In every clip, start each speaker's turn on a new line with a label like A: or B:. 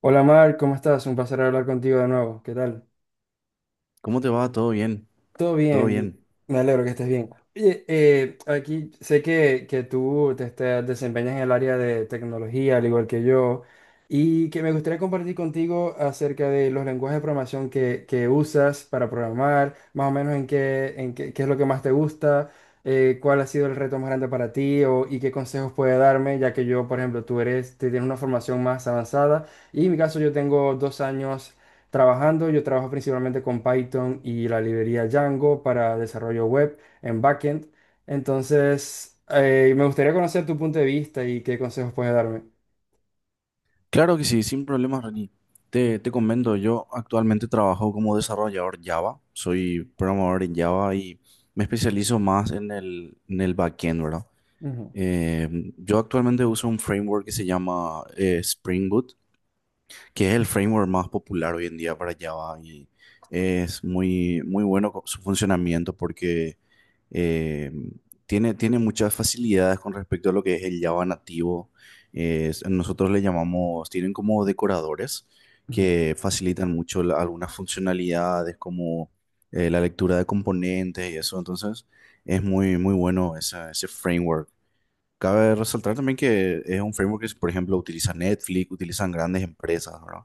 A: Hola Mar, ¿cómo estás? Un placer hablar contigo de nuevo. ¿Qué tal?
B: ¿Cómo te va? ¿Todo bien?
A: Todo
B: ¿Todo
A: bien,
B: bien?
A: me alegro que estés bien. Oye, aquí sé que tú desempeñas en el área de tecnología, al igual que yo, y que me gustaría compartir contigo acerca de los lenguajes de programación que usas para programar, más o menos en qué, qué es lo que más te gusta, cuál ha sido el reto más grande para ti o, y qué consejos puede darme, ya que yo, por ejemplo, tú eres, te tienes una formación más avanzada. Y en mi caso yo tengo dos años trabajando. Yo trabajo principalmente con Python y la librería Django para desarrollo web en backend. Entonces, me gustaría conocer tu punto de vista y qué consejos puedes darme.
B: Claro que sí, sin problemas, Reni. Te comento, yo actualmente trabajo como desarrollador Java, soy programador en Java y me especializo más en el backend, ¿verdad?
A: Ujú.
B: Yo actualmente uso un framework que se llama Spring Boot, que es el framework más popular hoy en día para Java y es muy bueno su funcionamiento porque eh, tiene muchas facilidades con respecto a lo que es el Java nativo. Nosotros le llamamos, tienen como decoradores
A: Ujú.
B: que facilitan mucho algunas funcionalidades como la lectura de componentes y eso. Entonces, es muy bueno ese framework. Cabe resaltar también que es un framework que, por ejemplo, utiliza Netflix, utilizan grandes empresas, ¿verdad?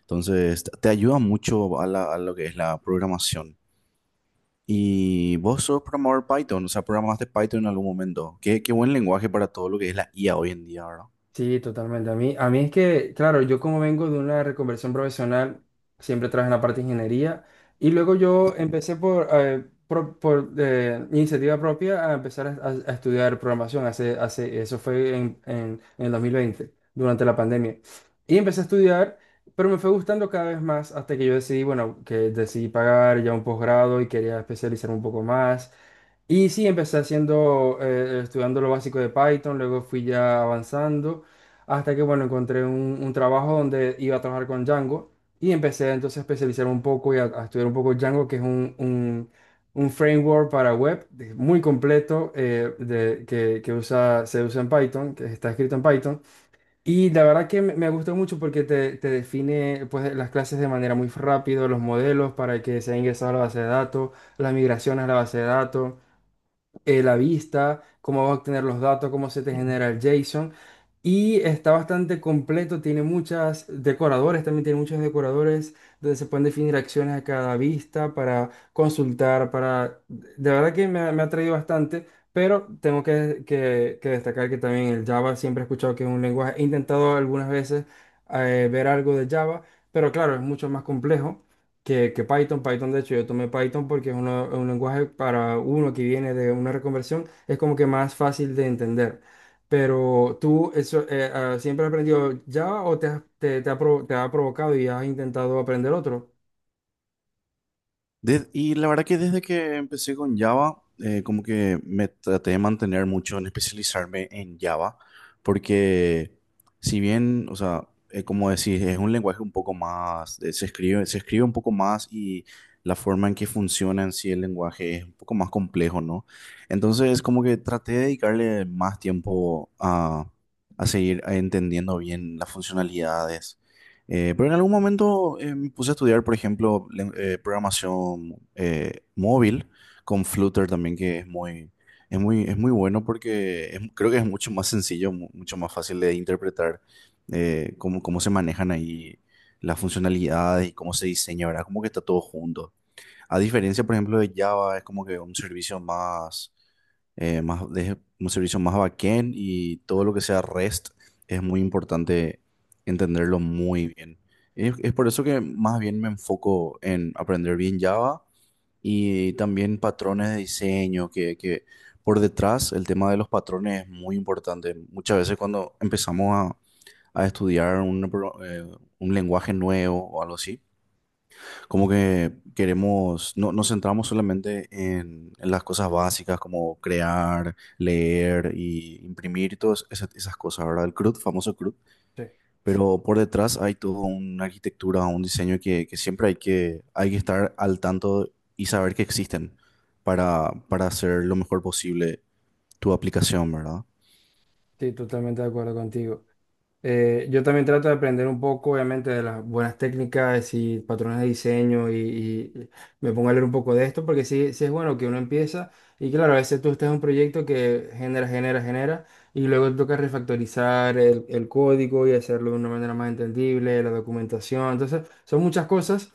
B: Entonces, te ayuda mucho a lo que es la programación. Y vos sos programador Python, o sea, programaste Python en algún momento. Qué buen lenguaje para todo lo que es la IA hoy en día, ¿verdad?
A: Sí, totalmente. A mí es que, claro, yo como vengo de una reconversión profesional, siempre trabajé en la parte de ingeniería y luego yo empecé por iniciativa propia a empezar a estudiar programación. Eso fue en, en el 2020, durante la pandemia. Y empecé a estudiar, pero me fue gustando cada vez más hasta que yo decidí, bueno, que decidí pagar ya un posgrado y quería especializar un poco más. Y sí, empecé haciendo, estudiando lo básico de Python, luego fui ya avanzando. Hasta que, bueno, encontré un trabajo donde iba a trabajar con Django y empecé entonces a especializar un poco y a estudiar un poco Django, que es un framework para web muy completo que usa, se usa en Python, que está escrito en Python. Y la verdad que me gustó mucho porque te define pues, las clases de manera muy rápido, los modelos para que sean ingresados a la base de datos, las migraciones a la base de datos la vista, cómo va a obtener los datos, cómo se te genera el JSON. Y está bastante completo, tiene muchas decoradores, también tiene muchos decoradores donde se pueden definir acciones a cada vista para consultar, para... De verdad que me ha traído bastante, pero tengo que destacar que también el Java siempre he escuchado que es un lenguaje, he intentado algunas veces ver algo de Java, pero claro, es mucho más complejo que Python. Python, de hecho, yo tomé Python porque es un lenguaje para uno que viene de una reconversión, es como que más fácil de entender. Pero tú, eso, ¿siempre has aprendido Java o te ha provocado y has intentado aprender otro?
B: Y la verdad que desde que empecé con Java, como que me traté de mantener mucho en especializarme en Java, porque si bien, o sea, como decís, es un lenguaje un poco más, se escribe un poco más y la forma en que funciona en sí el lenguaje es un poco más complejo, ¿no? Entonces, como que traté de dedicarle más tiempo a seguir entendiendo bien las funcionalidades, pero en algún momento me puse a estudiar, por ejemplo, programación móvil con Flutter también, que es muy, es muy, es muy bueno porque creo que es mucho más sencillo, mucho más fácil de interpretar, cómo se manejan ahí las funcionalidades y cómo se diseña, ¿verdad? Como que está todo junto. A diferencia, por ejemplo, de Java, es como que un servicio más, de un servicio más backend, y todo lo que sea REST es muy importante entenderlo muy bien. Es por eso que más bien me enfoco en aprender bien Java y también patrones de diseño, que por detrás el tema de los patrones es muy importante. Muchas veces cuando empezamos a estudiar un lenguaje nuevo o algo así, como que queremos, no, nos centramos solamente en las cosas básicas como crear, leer y imprimir y esas cosas, ¿verdad? El CRUD, famoso CRUD.
A: Sí,
B: Pero por detrás hay toda una arquitectura, un diseño que siempre hay que estar al tanto y saber que existen para hacer lo mejor posible tu aplicación, ¿verdad?
A: sí, totalmente de acuerdo contigo. Yo también trato de aprender un poco, obviamente, de las buenas técnicas y patrones de diseño y me pongo a leer un poco de esto porque sí, sí es bueno que uno empieza y claro, a veces tú estás en un proyecto que genera y luego toca refactorizar el código y hacerlo de una manera más entendible, la documentación. Entonces, son muchas cosas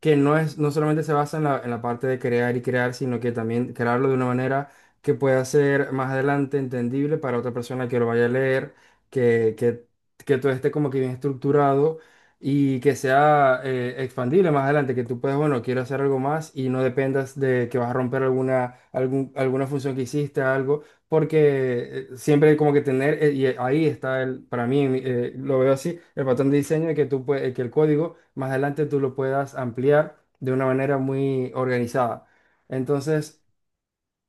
A: que no es, no solamente se basa en la parte de crear y crear, sino que también crearlo de una manera que pueda ser más adelante entendible para otra persona que lo vaya a leer que, que que todo esté como que bien estructurado y que sea expandible más adelante, que tú puedas, bueno, quiero hacer algo más y no dependas de que vas a romper alguna función que hiciste, algo, porque siempre como que tener, y ahí está el, para mí, lo veo así, el patrón de diseño de que que el código más adelante tú lo puedas ampliar de una manera muy organizada. Entonces,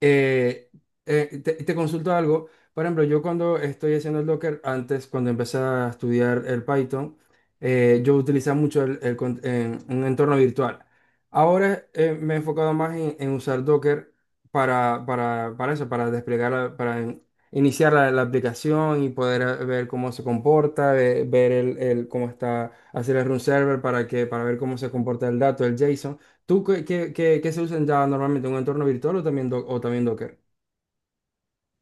A: eh, te consulto algo. Por ejemplo, yo cuando estoy haciendo el Docker, antes cuando empecé a estudiar el Python, yo utilizaba mucho en un entorno virtual. Ahora me he enfocado más en usar Docker para eso, para desplegar, para iniciar la aplicación y poder ver cómo se comporta, ver, cómo está, hacer el run server para que, para ver cómo se comporta el dato, el JSON. ¿Tú qué se usan ya normalmente? ¿Un entorno virtual o también, o también Docker?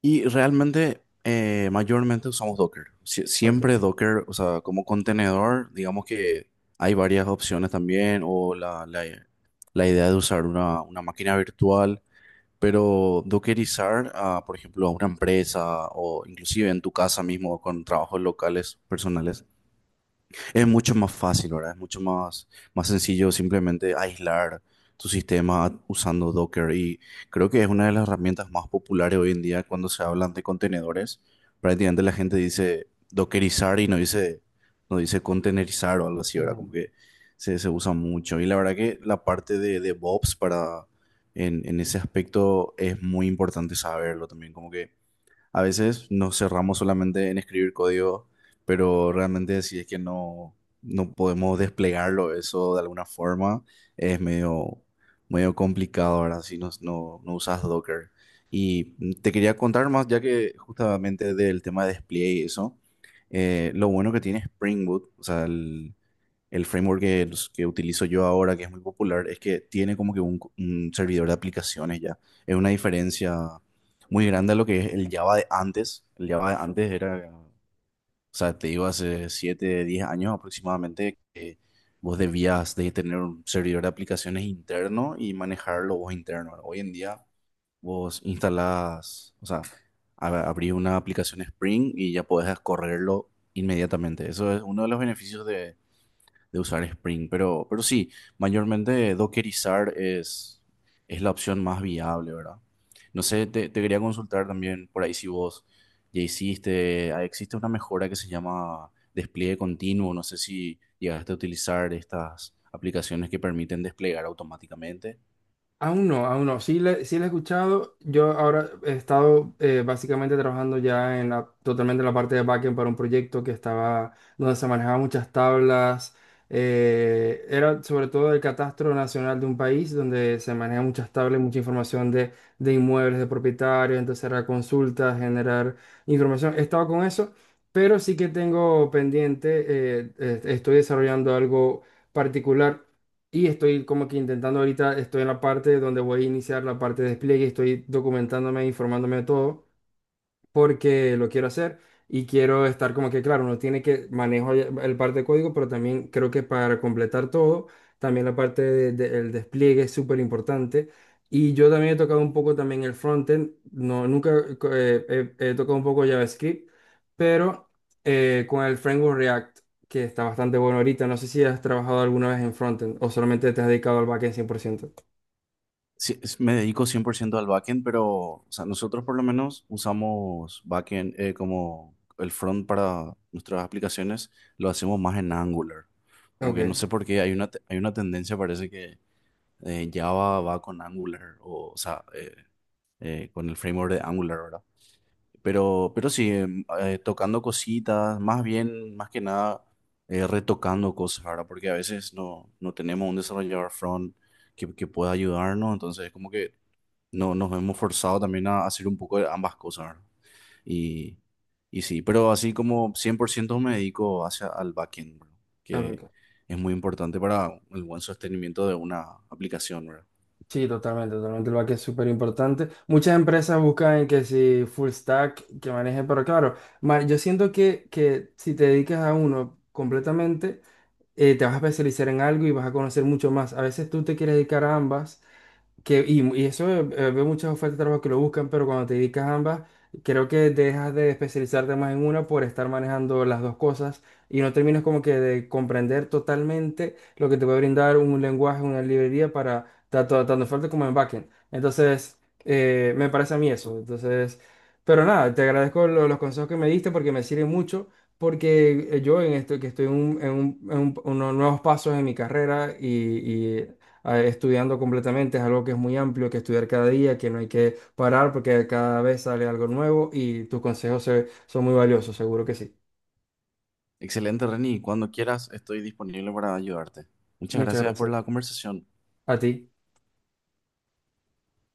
B: Y realmente, mayormente usamos Docker.
A: Ok.
B: Siempre Docker, o sea, como contenedor, digamos que hay varias opciones también, o la idea de usar una máquina virtual, pero dockerizar, a, por ejemplo, a una empresa o inclusive en tu casa mismo con trabajos locales, personales. Es mucho más fácil, ¿verdad? Es mucho más, más sencillo simplemente aislar tu sistema usando Docker, y creo que es una de las herramientas más populares hoy en día cuando se hablan de contenedores. Prácticamente la gente dice dockerizar y no dice contenerizar o algo así, ¿verdad? Como que se usa mucho. Y la verdad que la parte de DevOps para, en ese aspecto es muy importante saberlo también, como que a veces nos cerramos solamente en escribir código, pero realmente si es que no podemos desplegarlo eso de alguna forma, es medio, medio complicado ahora si no usas Docker. Y te quería contar más, ya que justamente del tema de despliegue y eso, lo bueno que tiene Spring Boot, o sea, el framework que utilizo yo ahora, que es muy popular, es que tiene como que un servidor de aplicaciones ya. Es una diferencia muy grande a lo que es el Java de antes. El Java de antes era, o sea, te digo, hace 7 10 años aproximadamente, que vos debías de tener un servidor de aplicaciones interno y manejarlo vos interno. Hoy en día vos instalás, o sea, abrís una aplicación Spring y ya podés correrlo inmediatamente. Eso es uno de los beneficios de usar Spring, pero sí, mayormente dockerizar es la opción más viable, ¿verdad? No sé, te quería consultar también por ahí si vos ya hiciste, ah, existe una mejora que se llama despliegue continuo, no sé si llegaste a utilizar estas aplicaciones que permiten desplegar automáticamente.
A: Aún no, aún no. Sí, sí la he escuchado. Yo ahora he estado básicamente trabajando ya en totalmente en la parte de backend para un proyecto que estaba, donde se manejaban muchas tablas. Era sobre todo el catastro nacional de un país donde se manejan muchas tablas, mucha información de inmuebles, de propietarios. Entonces era consultas, generar información. He estado con eso, pero sí que tengo pendiente, estoy desarrollando algo particular. Y estoy como que intentando ahorita, estoy en la parte donde voy a iniciar la parte de despliegue, estoy documentándome, informándome de todo porque lo quiero hacer y quiero estar como que, claro, uno tiene que manejo ya el parte de código, pero también creo que para completar todo, también la parte del despliegue es súper importante. Y yo también he tocado un poco también el frontend, no, nunca he tocado un poco JavaScript, pero con el framework React, que está bastante bueno ahorita, no sé si has trabajado alguna vez en frontend o solamente te has dedicado al backend cien por ciento.
B: Sí, me dedico 100% al backend, pero o sea, nosotros por lo menos usamos backend, como el front para nuestras aplicaciones, lo hacemos más en Angular. Como que no
A: Ok,
B: sé por qué hay una, hay una tendencia, parece que Java va con Angular, o sea, con el framework de Angular, ¿verdad? Pero sí, tocando cositas, más bien, más que nada, retocando cosas, ¿verdad? Porque a veces no tenemos un desarrollador front que pueda ayudarnos, entonces como que no, nos hemos forzado también a hacer un poco de ambas cosas, ¿verdad? Y, y sí, pero así como 100% me dedico hacia al backend, ¿verdad? Que
A: ok.
B: es muy importante para el buen sostenimiento de una aplicación, ¿verdad?
A: Sí, totalmente, totalmente. El back es súper importante. Muchas empresas buscan que si full stack que maneje, pero claro, yo siento que si te dedicas a uno completamente, te vas a especializar en algo y vas a conocer mucho más. A veces tú te quieres dedicar a ambas que, y eso, veo muchas ofertas de trabajo que lo buscan, pero cuando te dedicas a ambas, creo que dejas de especializarte más en una por estar manejando las dos cosas y no terminas como que de comprender totalmente lo que te puede brindar un lenguaje, una librería para tanto, tanto fuerte como en backend. Entonces, me parece a mí eso. Entonces, pero nada, te agradezco los consejos que me diste porque me sirven mucho. Porque yo en esto que estoy en unos nuevos pasos en mi carrera y estudiando completamente, es algo que es muy amplio, que estudiar cada día, que no hay que parar porque cada vez sale algo nuevo y tus consejos son muy valiosos, seguro que sí.
B: Excelente, Reni. Cuando quieras, estoy disponible para ayudarte. Muchas
A: Muchas
B: gracias por
A: gracias.
B: la conversación.
A: A ti.